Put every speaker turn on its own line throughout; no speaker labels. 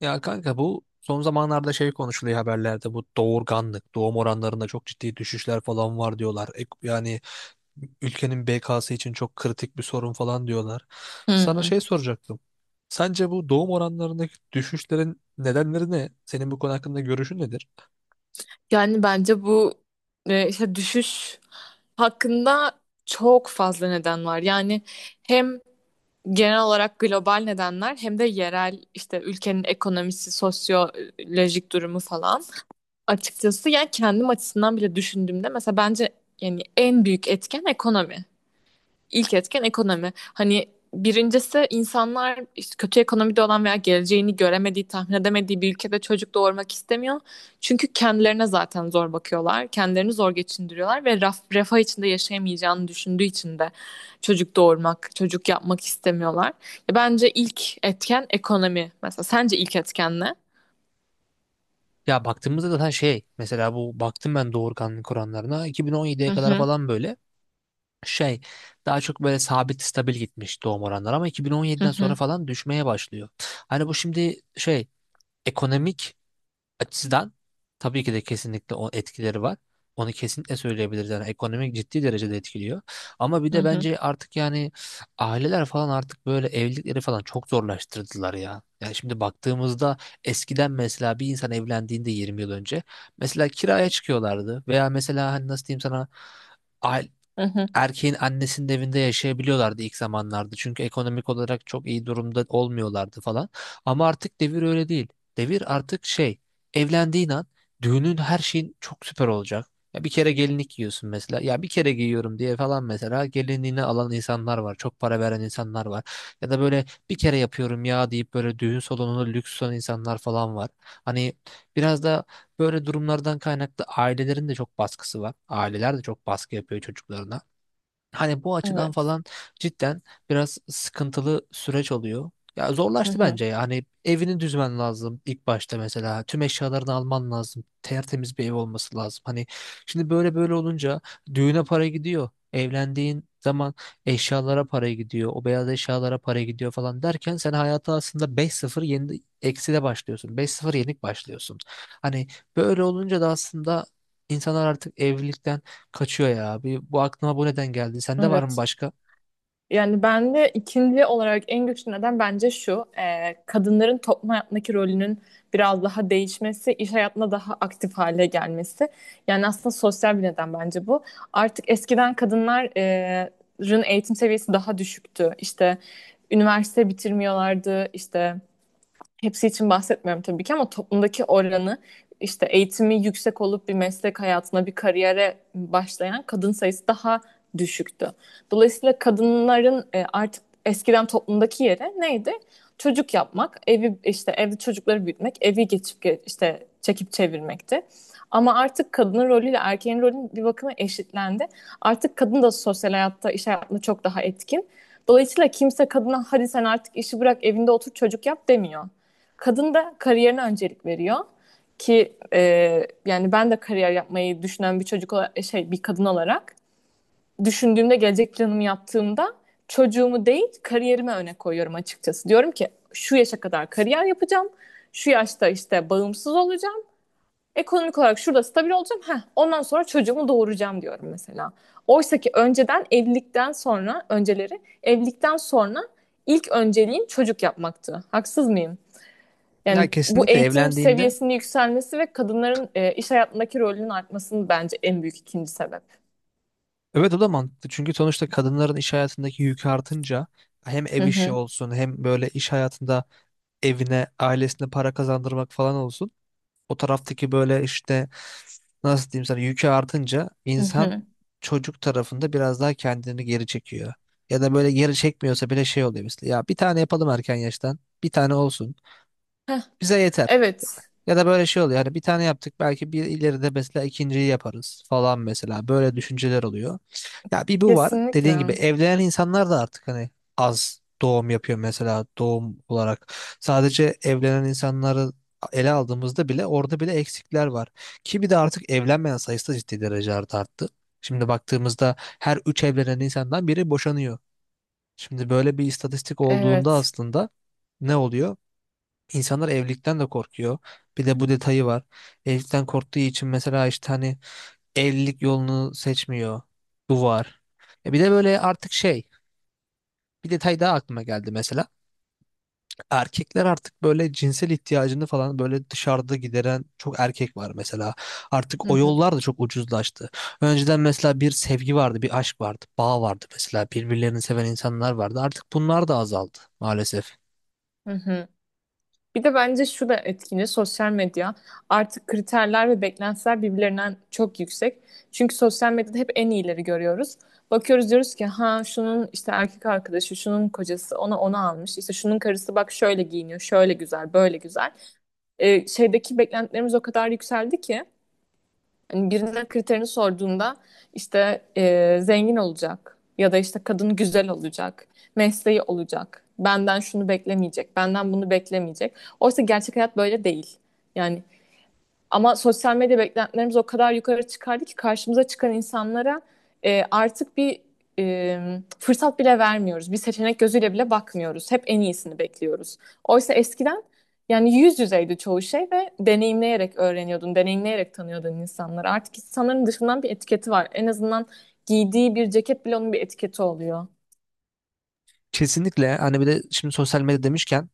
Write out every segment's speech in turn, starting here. Ya kanka bu son zamanlarda şey konuşuluyor haberlerde bu doğurganlık, doğum oranlarında çok ciddi düşüşler falan var diyorlar. Yani ülkenin BK'sı için çok kritik bir sorun falan diyorlar. Sana
Hmm.
şey soracaktım. Sence bu doğum oranlarındaki düşüşlerin nedenleri ne? Senin bu konu hakkında görüşün nedir?
Yani bence bu işte düşüş hakkında çok fazla neden var. Yani hem genel olarak global nedenler hem de yerel işte ülkenin ekonomisi, sosyolojik durumu falan. Açıkçası yani kendim açısından bile düşündüğümde mesela bence yani en büyük etken ekonomi. İlk etken ekonomi. Hani birincisi insanlar işte kötü ekonomide olan veya geleceğini göremediği, tahmin edemediği bir ülkede çocuk doğurmak istemiyor. Çünkü kendilerine zaten zor bakıyorlar. Kendilerini zor geçindiriyorlar ve refah içinde yaşayamayacağını düşündüğü için de çocuk doğurmak, çocuk yapmak istemiyorlar. Ya bence ilk etken ekonomi. Mesela sence ilk etken ne?
Ya baktığımızda zaten şey mesela bu baktım ben doğurganlık oranlarına
Hı
2017'ye kadar
hı,
falan böyle şey daha çok böyle sabit stabil gitmiş doğum oranları ama
hı
2017'den sonra
hı,
falan düşmeye başlıyor. Hani bu şimdi şey ekonomik açıdan tabii ki de kesinlikle o etkileri var. Onu kesinlikle söyleyebiliriz. Yani ekonomik ciddi derecede etkiliyor. Ama bir
hı
de
hı,
bence artık yani aileler falan artık böyle evlilikleri falan çok zorlaştırdılar ya. Yani şimdi baktığımızda eskiden mesela bir insan evlendiğinde 20 yıl önce mesela kiraya çıkıyorlardı veya mesela hani nasıl diyeyim sana aile-
hı hı.
erkeğin annesinin evinde yaşayabiliyorlardı ilk zamanlarda. Çünkü ekonomik olarak çok iyi durumda olmuyorlardı falan. Ama artık devir öyle değil. Devir artık şey, evlendiğin an düğünün her şeyin çok süper olacak. Ya bir kere gelinlik giyiyorsun mesela. Ya bir kere giyiyorum diye falan mesela gelinliğini alan insanlar var. Çok para veren insanlar var. Ya da böyle bir kere yapıyorum ya deyip böyle düğün salonunu lüks tutan insanlar falan var. Hani biraz da böyle durumlardan kaynaklı ailelerin de çok baskısı var. Aileler de çok baskı yapıyor çocuklarına. Hani bu açıdan
Evet.
falan cidden biraz sıkıntılı süreç oluyor. Ya
Hı
zorlaştı
hı,
bence ya. Hani evini düzmen lazım ilk başta mesela. Tüm eşyalarını alman lazım. Tertemiz bir ev olması lazım. Hani şimdi böyle böyle olunca düğüne para gidiyor. Evlendiğin zaman eşyalara para gidiyor. O beyaz eşyalara para gidiyor falan derken sen hayata aslında 5-0 yeni ekside başlıyorsun. 5-0 yenik başlıyorsun. Hani böyle olunca da aslında insanlar artık evlilikten kaçıyor ya. Bir, bu aklıma bu neden geldi. Sende var mı
evet.
başka?
Yani ben de ikinci olarak en güçlü neden bence şu. Kadınların toplum hayatındaki rolünün biraz daha değişmesi, iş hayatına daha aktif hale gelmesi. Yani aslında sosyal bir neden bence bu. Artık eskiden kadınların eğitim seviyesi daha düşüktü. İşte üniversite bitirmiyorlardı, işte hepsi için bahsetmiyorum tabii ki ama toplumdaki oranı işte eğitimi yüksek olup bir meslek hayatına, bir kariyere başlayan kadın sayısı daha düşüktü. Dolayısıyla kadınların artık eskiden toplumdaki yeri neydi? Çocuk yapmak, evi işte evde çocukları büyütmek, işte çekip çevirmekti. Ama artık kadının rolüyle erkeğin rolü bir bakıma eşitlendi. Artık kadın da sosyal hayatta, iş hayatında çok daha etkin. Dolayısıyla kimse kadına hadi sen artık işi bırak, evinde otur çocuk yap demiyor. Kadın da kariyerine öncelik veriyor ki yani ben de kariyer yapmayı düşünen bir çocuk olarak, bir kadın olarak düşündüğümde gelecek planımı yaptığımda çocuğumu değil kariyerime öne koyuyorum açıkçası. Diyorum ki şu yaşa kadar kariyer yapacağım. Şu yaşta işte bağımsız olacağım. Ekonomik olarak şurada stabil olacağım. Heh, ondan sonra çocuğumu doğuracağım diyorum mesela. Oysa ki önceden evlilikten sonra önceleri evlilikten sonra ilk önceliğim çocuk yapmaktı. Haksız mıyım?
Ya
Yani bu
kesinlikle
eğitim
evlendiğinde.
seviyesinin yükselmesi ve kadınların iş hayatındaki rolünün artmasının bence en büyük ikinci sebep.
Evet, o da mantıklı. Çünkü sonuçta kadınların iş hayatındaki yükü artınca hem
Hı
ev işi
hı.
olsun hem böyle iş hayatında evine, ailesine para kazandırmak falan olsun. O taraftaki böyle işte nasıl diyeyim sana yükü artınca
Hı
insan
hı.
çocuk tarafında biraz daha kendini geri çekiyor. Ya da böyle geri çekmiyorsa bile şey oluyor mesela. Ya bir tane yapalım erken yaştan. Bir tane olsun.
Heh,
Bize yeter.
evet.
Ya da böyle şey oluyor. Hani bir tane yaptık belki bir ileride mesela ikinciyi yaparız falan mesela. Böyle düşünceler oluyor. Ya bir bu var. Dediğin gibi
Kesinlikle.
evlenen insanlar da artık hani az doğum yapıyor mesela doğum olarak. Sadece evlenen insanları ele aldığımızda bile orada bile eksikler var. Ki bir de artık evlenmeyen sayısı da ciddi derecelerde arttı. Şimdi baktığımızda her üç evlenen insandan biri boşanıyor. Şimdi böyle bir istatistik olduğunda
Evet.
aslında ne oluyor? İnsanlar evlilikten de korkuyor. Bir de bu detayı var. Evlilikten korktuğu için mesela işte hani evlilik yolunu seçmiyor. Bu var. E bir de böyle artık şey bir detay daha aklıma geldi mesela. Erkekler artık böyle cinsel ihtiyacını falan böyle dışarıda gideren çok erkek var mesela. Artık
Hı
o
hı.
yollar da çok ucuzlaştı. Önceden mesela bir sevgi vardı, bir aşk vardı, bağ vardı mesela. Birbirlerini seven insanlar vardı. Artık bunlar da azaldı maalesef.
Hı hı. Bir de bence şu da etkili, sosyal medya. Artık kriterler ve beklentiler birbirlerinden çok yüksek. Çünkü sosyal medyada hep en iyileri görüyoruz. Bakıyoruz diyoruz ki ha şunun işte erkek arkadaşı, şunun kocası ona onu almış. İşte şunun karısı bak şöyle giyiniyor, şöyle güzel, böyle güzel. Şeydeki beklentilerimiz o kadar yükseldi ki hani birine kriterini sorduğunda işte zengin olacak ya da işte kadın güzel olacak, mesleği olacak, benden şunu beklemeyecek, benden bunu beklemeyecek. Oysa gerçek hayat böyle değil. Yani ama sosyal medya beklentilerimiz o kadar yukarı çıkardı ki karşımıza çıkan insanlara artık bir e, fırsat bile vermiyoruz. Bir seçenek gözüyle bile bakmıyoruz. Hep en iyisini bekliyoruz. Oysa eskiden yani yüz yüzeydi çoğu şey ve deneyimleyerek öğreniyordun, deneyimleyerek tanıyordun insanları. Artık insanların dışından bir etiketi var. En azından giydiği bir ceket bile onun bir etiketi oluyor.
Kesinlikle, hani bir de şimdi sosyal medya demişken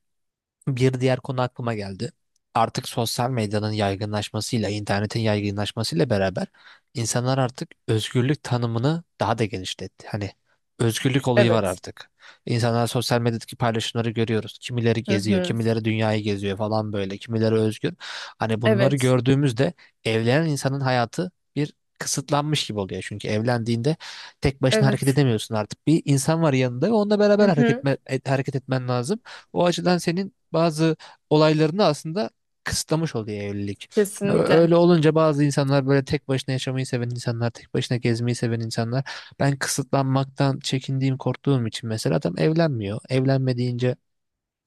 bir diğer konu aklıma geldi. Artık sosyal medyanın yaygınlaşmasıyla, internetin yaygınlaşmasıyla beraber insanlar artık özgürlük tanımını daha da genişletti. Hani özgürlük olayı var
Evet.
artık. İnsanlar sosyal medyadaki paylaşımları görüyoruz. Kimileri
Hı
geziyor,
hı.
kimileri dünyayı geziyor falan böyle, kimileri özgür. Hani bunları
Evet.
gördüğümüzde evlenen insanın hayatı bir kısıtlanmış gibi oluyor. Çünkü evlendiğinde tek başına hareket
Evet.
edemiyorsun artık. Bir insan var yanında ve onunla
Hı
beraber
hı.
hareket etmen lazım. O açıdan senin bazı olaylarını aslında kısıtlamış oluyor evlilik. Şimdi
Kesinlikle.
öyle olunca bazı insanlar böyle tek başına yaşamayı seven insanlar, tek başına gezmeyi seven insanlar. Ben kısıtlanmaktan çekindiğim, korktuğum için mesela adam evlenmiyor. Evlenmediğince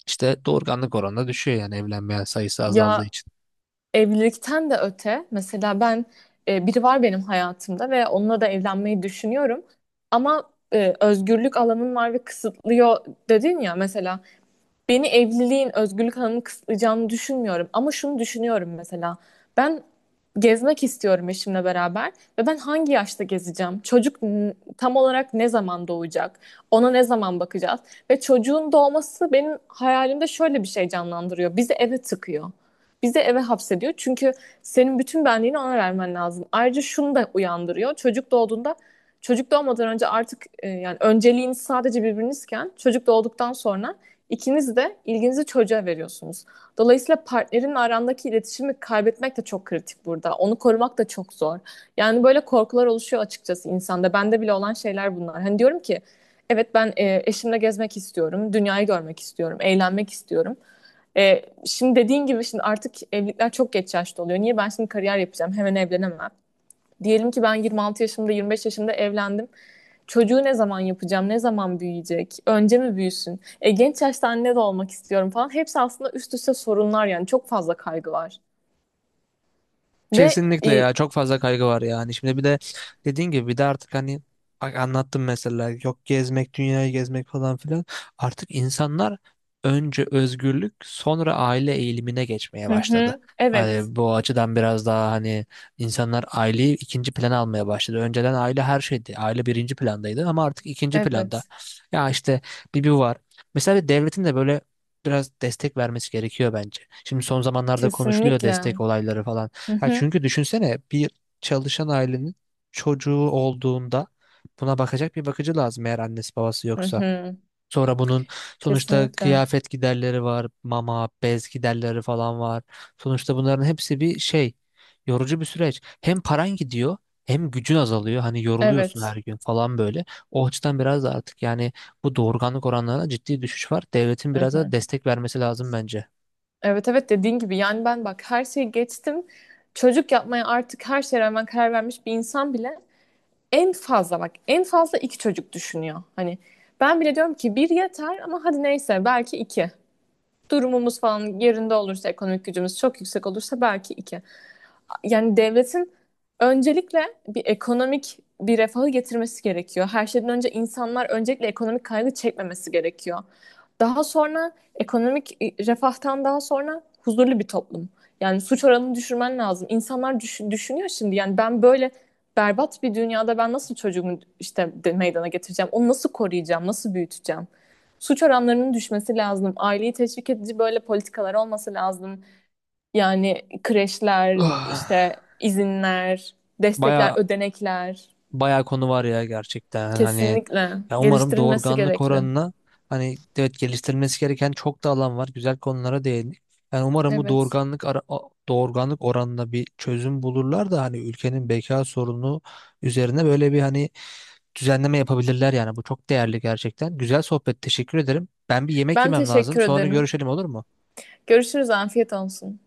işte doğurganlık oranı da düşüyor yani evlenmeyen sayısı azaldığı
Ya,
için.
evlilikten de öte mesela ben biri var benim hayatımda ve onunla da evlenmeyi düşünüyorum. Ama özgürlük alanın var ve kısıtlıyor dedin ya, mesela beni evliliğin özgürlük alanını kısıtlayacağını düşünmüyorum. Ama şunu düşünüyorum mesela. Ben gezmek istiyorum eşimle beraber ve ben hangi yaşta gezeceğim? Çocuk tam olarak ne zaman doğacak? Ona ne zaman bakacağız? Ve çocuğun doğması benim hayalimde şöyle bir şey canlandırıyor. Bizi eve tıkıyor. Bizi eve hapsediyor. Çünkü senin bütün benliğini ona vermen lazım. Ayrıca şunu da uyandırıyor. Çocuk doğmadan önce artık yani önceliğiniz sadece birbirinizken çocuk doğduktan sonra İkiniz de ilginizi çocuğa veriyorsunuz. Dolayısıyla partnerin arandaki iletişimi kaybetmek de çok kritik burada. Onu korumak da çok zor. Yani böyle korkular oluşuyor açıkçası insanda. Bende bile olan şeyler bunlar. Hani diyorum ki evet ben eşimle gezmek istiyorum, dünyayı görmek istiyorum, eğlenmek istiyorum. Şimdi dediğin gibi şimdi artık evlilikler çok geç yaşta oluyor. Niye ben şimdi kariyer yapacağım, hemen evlenemem. Diyelim ki ben 26 yaşımda, 25 yaşımda evlendim, çocuğu ne zaman yapacağım, ne zaman büyüyecek, önce mi büyüsün, genç yaşta anne de olmak istiyorum falan. Hepsi aslında üst üste sorunlar, yani çok fazla kaygı var. Ve
Kesinlikle,
e,
ya çok fazla kaygı var yani. Şimdi bir de dediğin gibi bir de artık hani anlattım mesela yok gezmek dünyayı gezmek falan filan. Artık insanlar önce özgürlük sonra aile eğilimine geçmeye
hı
başladı.
hı, evet,
Hani bu açıdan biraz daha hani insanlar aileyi ikinci plana almaya başladı. Önceden aile her şeydi. Aile birinci plandaydı ama artık ikinci planda.
evet,
Ya işte bir bir var. Mesela devletin de böyle biraz destek vermesi gerekiyor bence. Şimdi son zamanlarda konuşuluyor destek
kesinlikle.
olayları falan.
Hı
Ha
hı,
çünkü düşünsene bir çalışan ailenin çocuğu olduğunda buna bakacak bir bakıcı lazım eğer annesi babası
hı
yoksa.
hı,
Sonra bunun sonuçta
kesinlikle.
kıyafet giderleri var, mama, bez giderleri falan var. Sonuçta bunların hepsi bir şey, yorucu bir süreç. Hem paran gidiyor, hem gücün azalıyor. Hani yoruluyorsun her
Evet.
gün falan böyle. O açıdan biraz da artık yani bu doğurganlık oranlarına ciddi düşüş var. Devletin
Hı
biraz da
hı.
destek vermesi lazım bence.
Evet, evet, dediğin gibi yani ben bak her şeyi geçtim. Çocuk yapmaya artık her şeye rağmen karar vermiş bir insan bile en fazla, bak, en fazla iki çocuk düşünüyor. Hani ben bile diyorum ki bir yeter ama hadi neyse belki iki. Durumumuz falan yerinde olursa, ekonomik gücümüz çok yüksek olursa belki iki. Yani devletin öncelikle bir ekonomik bir refahı getirmesi gerekiyor. Her şeyden önce insanlar öncelikle ekonomik kaygı çekmemesi gerekiyor. Daha sonra ekonomik refahtan daha sonra huzurlu bir toplum. Yani suç oranını düşürmen lazım. İnsanlar düşünüyor şimdi yani ben böyle berbat bir dünyada ben nasıl çocuğumu işte meydana getireceğim? Onu nasıl koruyacağım? Nasıl büyüteceğim? Suç oranlarının düşmesi lazım. Aileyi teşvik edici böyle politikalar olması lazım. Yani kreşler, işte
Ah.
izinler, destekler,
Baya
ödenekler
bayağı konu var ya gerçekten hani
kesinlikle
ya umarım
geliştirilmesi
doğurganlık
gerekli.
oranına, hani evet, geliştirilmesi gereken çok da alan var, güzel konulara değindik. Yani umarım bu
Evet.
doğurganlık oranına bir çözüm bulurlar da hani ülkenin beka sorunu üzerine böyle bir hani düzenleme yapabilirler yani bu çok değerli gerçekten. Güzel sohbet, teşekkür ederim. Ben bir yemek
Ben
yemem lazım,
teşekkür
sonra
ederim.
görüşelim olur mu?
Görüşürüz. Afiyet olsun.